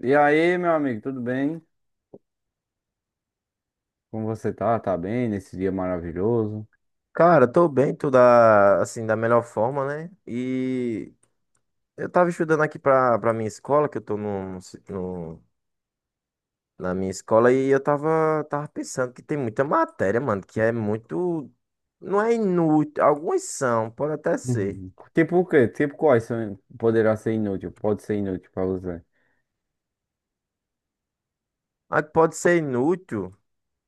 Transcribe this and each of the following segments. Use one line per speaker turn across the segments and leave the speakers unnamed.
E aí, meu amigo, tudo bem? Como você tá? Tá bem nesse dia maravilhoso?
Cara, tô bem, da melhor forma, né? E eu tava estudando aqui pra minha escola, que eu tô na minha escola, e eu tava, tava pensando que tem muita matéria, mano, que é muito. Não é inútil, algumas são, pode até ser.
Uhum. Tipo o quê? Tipo quais são, poderá ser inútil, pode ser inútil pra você.
Mas que pode ser inútil,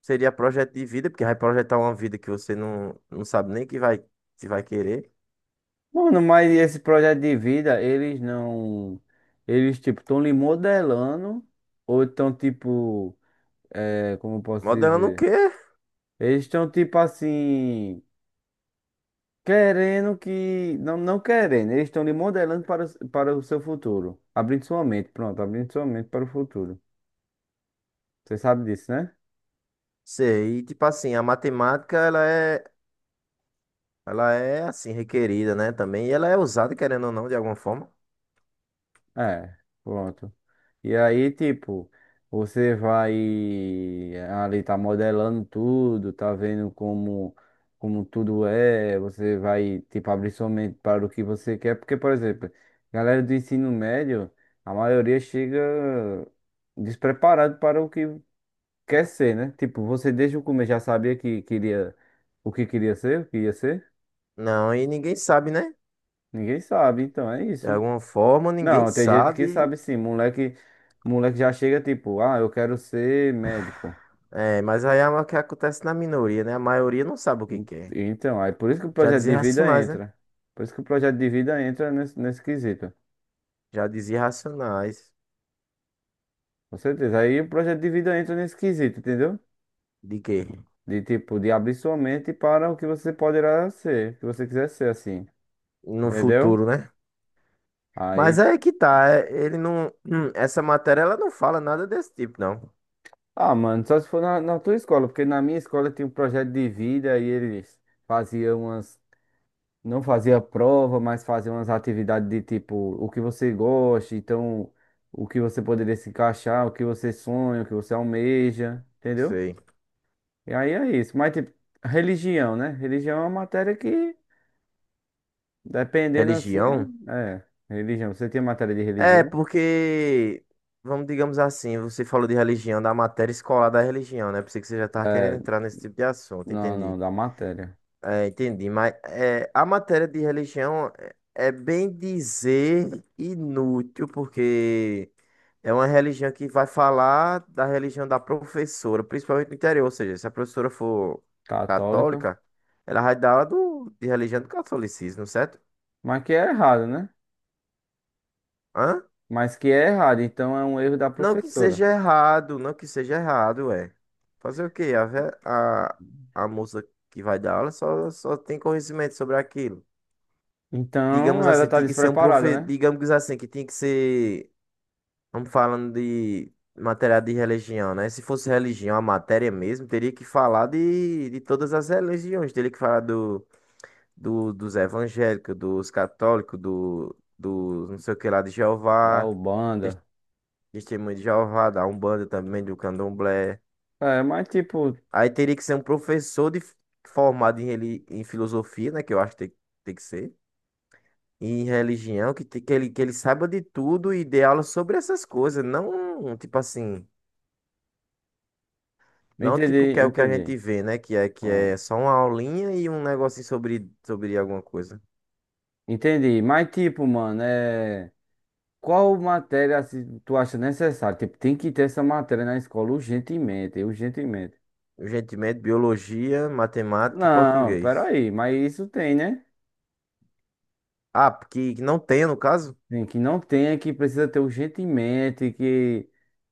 seria projeto de vida, porque vai projetar uma vida que você não sabe nem que vai querer.
Mano, mas esse projeto de vida, eles não... Eles, tipo, estão lhe modelando ou estão, tipo... É, como eu posso
Modelando o quê?
dizer? Eles estão, tipo, assim... Querendo que... Não, não querendo. Eles estão lhe modelando para, para o seu futuro. Abrindo sua mente. Pronto, abrindo sua mente para o futuro. Você sabe disso, né?
Sei, e tipo assim, a matemática, ela é. Ela é assim requerida, né? Também. E ela é usada, querendo ou não, de alguma forma.
É, pronto. E aí, tipo, você vai ali tá modelando tudo, tá vendo como como tudo é, você vai tipo abrir sua mente para o que você quer, porque por exemplo, galera do ensino médio, a maioria chega despreparado para o que quer ser, né? Tipo, você desde o começo já sabia que queria o que queria ser, o que ia ser?
Não, e ninguém sabe, né?
Ninguém sabe, então é
De
isso.
alguma forma, ninguém
Não, tem gente que
sabe.
sabe sim, moleque, moleque já chega tipo, ah, eu quero ser médico.
É, mas aí é o que acontece na minoria, né? A maioria não sabe o que quer.
Então, aí por isso que o
Já
projeto
dizia
de vida
Racionais, né?
entra. Por isso que o projeto de vida entra nesse quesito.
Já dizia Racionais.
Com certeza. Aí o projeto de vida entra nesse quesito, entendeu?
De quê?
De tipo, de abrir sua mente para o que você poderá ser, o que você quiser ser assim.
No
Entendeu?
futuro, né? Mas
Aí,
aí é que tá. é- Ele não. Essa matéria, ela não fala nada desse tipo, não.
ah, mano, só se for na, na tua escola, porque na minha escola tinha um projeto de vida e eles faziam umas... Não fazia prova, mas fazia umas atividades de tipo o que você gosta, então o que você poderia se encaixar, o que você sonha, o que você almeja, entendeu?
Sei.
E aí é isso. Mas tipo, religião, né? Religião é uma matéria que, dependendo assim,
Religião.
é. É, religião. Você tinha matéria de
É,
religião?
porque, vamos, digamos assim, você falou de religião, da matéria escolar da religião, né? Pensei que você já tava querendo entrar nesse tipo de assunto,
Não,
entendi.
não, da matéria
É, entendi, mas é, a matéria de religião é bem dizer inútil, porque é uma religião que vai falar da religião da professora, principalmente no interior, ou seja, se a professora for
católica.
católica, ela vai dar aula de religião do catolicismo, certo?
Mas que é errado, né?
Hã?
Mas que é errado, então é um erro da
Não que
professora.
seja errado, não que seja errado, é. Fazer o quê? A moça que vai dar aula só tem conhecimento sobre aquilo. Digamos
Então ela
assim,
tá
tinha que ser um
despreparada,
profe,
né?
digamos assim, que tinha que ser, vamos falando de matéria de religião, né? Se fosse religião, a matéria mesmo, teria que falar de todas as religiões, teria que falar dos evangélicos, dos católicos, do, do não sei o que lá de
Da
Jeová, Tes-
Ubanda.
Testemunho de Jeová, da Umbanda também, do Candomblé.
É, mas tipo.
Aí teria que ser formado em, em filosofia, né? Que eu acho que tem, tem que ser. E em religião, que ele saiba de tudo e dê aula sobre essas coisas. Não, tipo assim, não tipo
Entendi,
que é o que a gente
entendi.
vê, né? Que é, que
Pronto.
é só uma aulinha e um negocinho sobre alguma coisa.
Entendi. Mas tipo, mano, é. Qual matéria assim, tu acha necessária? Tipo, tem que ter essa matéria na escola urgentemente, urgentemente.
Urgentemente, biologia, matemática e
Não,
português.
peraí, mas isso tem, né?
Ah, porque que não tem, no caso?
Tem que não tem, é que precisa ter urgentemente, que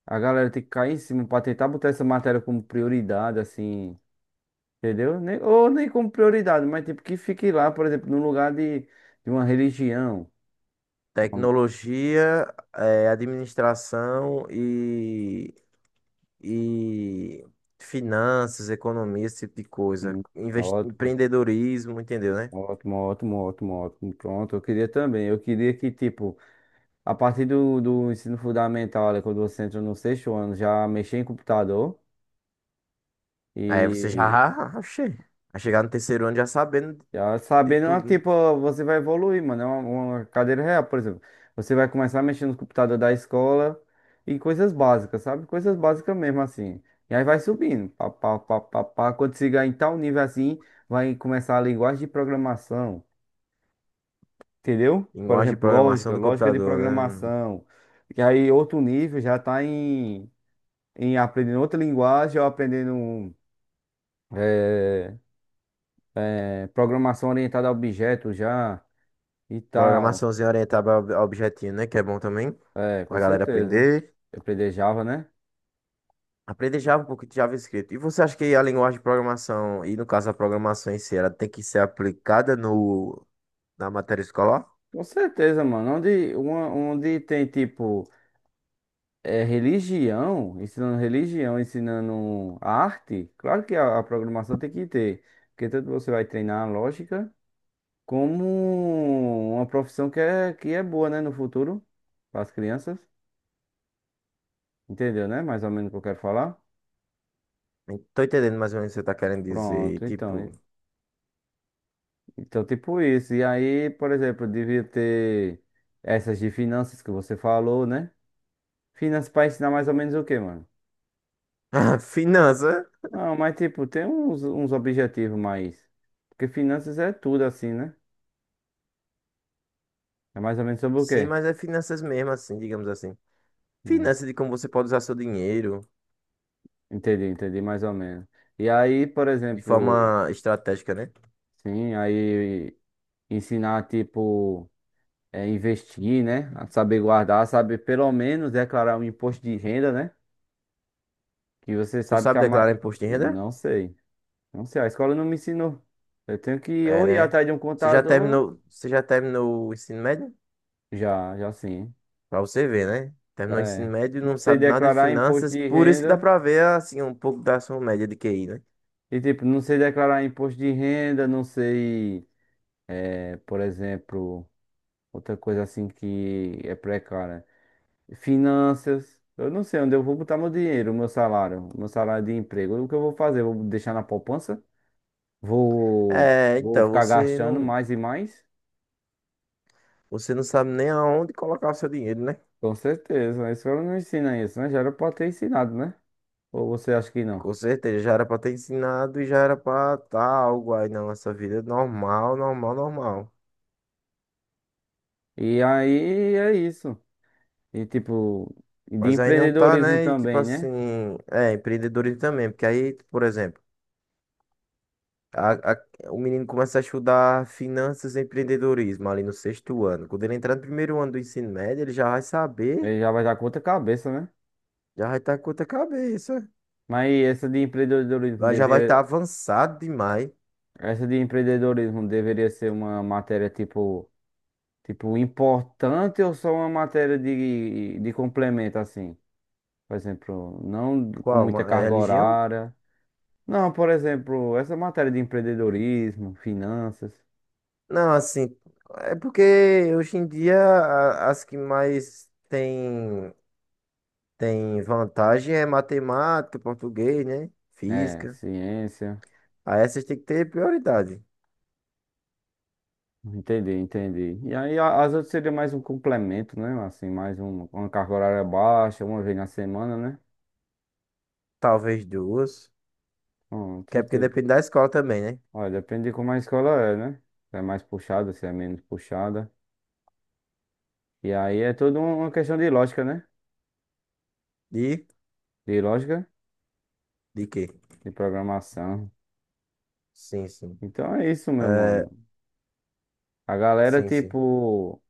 a galera tem que cair em cima pra tentar botar essa matéria como prioridade, assim, entendeu? Ou nem como prioridade, mas tipo, que fique lá, por exemplo, no lugar de uma religião. Uma,
Tecnologia, administração e finanças, economia, esse tipo de coisa. Invest...
um-
Empreendedorismo, entendeu, né?
ótimo, ótimo, ótimo, ótimo. Pronto, eu queria também. Eu queria que, tipo, a partir do ensino fundamental, ali, quando você entra no sexto ano, já mexer em computador
Aí você já,
e
oxê, vai chegar no 3º ano já sabendo
já
de
sabendo, ah,
tudo, né?
tipo, você vai evoluir, mano. É uma cadeira real, por exemplo. Você vai começar a mexer no computador da escola e coisas básicas, sabe? Coisas básicas mesmo, assim. E aí vai subindo, pá, pá, pá, pá, pá. Quando chegar em tal nível assim, vai começar a linguagem de programação. Entendeu? Por
Linguagem de
exemplo,
programação
lógica,
do
lógica de
computador, né?
programação. Que aí outro nível já está em, em aprendendo outra linguagem ou aprendendo eh, programação orientada a objetos já e tal.
Programaçãozinha orientada ao objetinho, né? Que é bom também
É, com
pra galera
certeza.
aprender.
Aprender Java, né?
Aprender Java, um pouco de JavaScript. E você acha que a linguagem de programação, e no caso a programação em si, ela tem que ser aplicada no, na matéria escolar?
Com certeza, mano. Onde, onde tem tipo religião, ensinando arte, claro que a programação tem que ter. Porque tanto você vai treinar a lógica. Como uma profissão que é boa, né, no futuro, para as crianças. Entendeu, né? Mais ou menos o que eu quero falar.
Não tô entendendo mais ou menos o que você tá querendo dizer.
Pronto, então.
Tipo,
Então, tipo isso. E aí, por exemplo, devia ter essas de finanças que você falou, né? Finanças para ensinar mais ou menos o quê, mano?
Finança?
Não, mas tipo, tem uns, uns objetivos mais. Porque finanças é tudo assim, né? É mais ou menos sobre o
Sim,
quê?
mas é finanças mesmo, assim, digamos assim.
Hum.
Finanças de como você pode usar seu dinheiro
Entendi, entendi, mais ou menos. E aí, por
de
exemplo,
forma estratégica, né?
sim, aí ensinar, tipo. É, investir, né? Saber guardar, saber pelo menos declarar um imposto de renda, né? Que você
Tu
sabe que
sabe
a
declarar
ma...
imposto de renda?
Não sei. Não sei, a escola não me ensinou. Eu tenho que
É,
ou ir
né?
atrás de um contador,
Você já terminou o ensino médio?
já, já sim.
Pra você ver, né? Terminou o ensino
É.
médio e
Não
não
sei
sabe nada de
declarar imposto
finanças,
de
por isso que dá
renda.
pra ver, assim, um pouco da sua média de QI, né?
E tipo, não sei declarar imposto de renda, não sei, é, por exemplo, outra coisa assim que é precária. Finanças. Eu não sei onde eu vou botar meu dinheiro, meu salário de emprego. O que eu vou fazer? Vou deixar na poupança? Vou,
É,
vou
então,
ficar gastando mais e mais?
você não sabe nem aonde colocar o seu dinheiro, né?
Com certeza. A escola não ensina isso, né? Já era pra ter ensinado, né? Ou você acha que não?
Com certeza, já era pra ter ensinado e já era pra tá algo aí na nossa vida normal, normal, normal.
E aí é isso. E tipo, e de
Mas aí não tá,
empreendedorismo
né? E tipo
também,
assim,
né?
é, empreendedorismo também, porque aí, por exemplo, a- a- o menino começa a estudar finanças e empreendedorismo ali no 6º ano. Quando ele entrar no 1º ano do ensino médio, ele já vai saber,
Aí já vai dar com outra cabeça, né?
já vai estar com outra cabeça,
Mas essa de empreendedorismo
lá já vai estar
deveria,
avançado demais.
essa de empreendedorismo deveria ser uma matéria tipo. Tipo, importante ou só uma matéria de complemento, assim? Por exemplo, não com
Qual?
muita
Uma, é
carga
religião?
horária. Não, por exemplo, essa matéria de empreendedorismo, finanças,
Não, assim, é porque hoje em dia as que mais tem. Tem vantagem é matemática, português, né?
é,
Física.
ciência.
Aí essas tem que ter prioridade.
Entendi, entendi. E aí as outras seria mais um complemento, né? Assim, mais um, uma carga horária baixa, uma vez na semana, né?
Talvez duas. Que
Tu.
é porque depende da escola também, né?
Olha, depende de como a escola é, né? Se é mais puxada, se é menos puxada. E aí é toda uma questão de lógica, né?
De,
De lógica.
de quê?
De programação.
Sim, sim.
Então é isso, meu
É,
mano. A galera,
sim, sim.
tipo,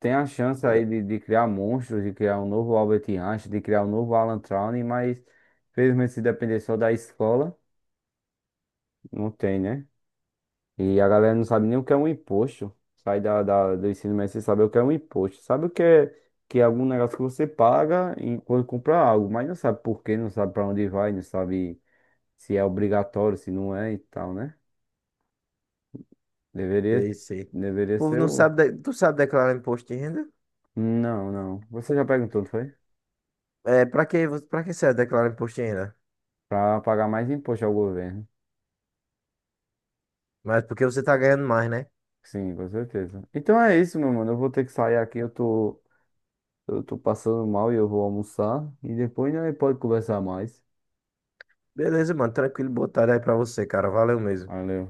tem a chance aí de criar monstros, de criar um novo Albert Einstein, de criar um novo Alan Turing, mas felizmente se depender só da escola, não tem, né? E a galera não sabe nem o que é um imposto. Sai da, do ensino médio sem saber o que é um imposto. Sabe o que é algum negócio que você paga quando compra algo, mas não sabe por quê, não sabe para onde vai, não sabe se é obrigatório, se não é e tal, né? Deveria,
Sei, sei. O
deveria
povo
ser
não
o.
sabe. Tu sabe declarar imposto de renda?
Não, não. Você já perguntou, não foi?
É, pra que serve declarar imposto de renda?
Pra pagar mais imposto ao governo.
Mas porque você tá ganhando mais, né?
Sim, com certeza. Então é isso, meu mano. Eu vou ter que sair aqui. Eu tô passando mal e eu vou almoçar. E depois a gente pode conversar mais.
Beleza, mano. Tranquilo, boa tarde aí pra você, cara. Valeu mesmo.
Valeu.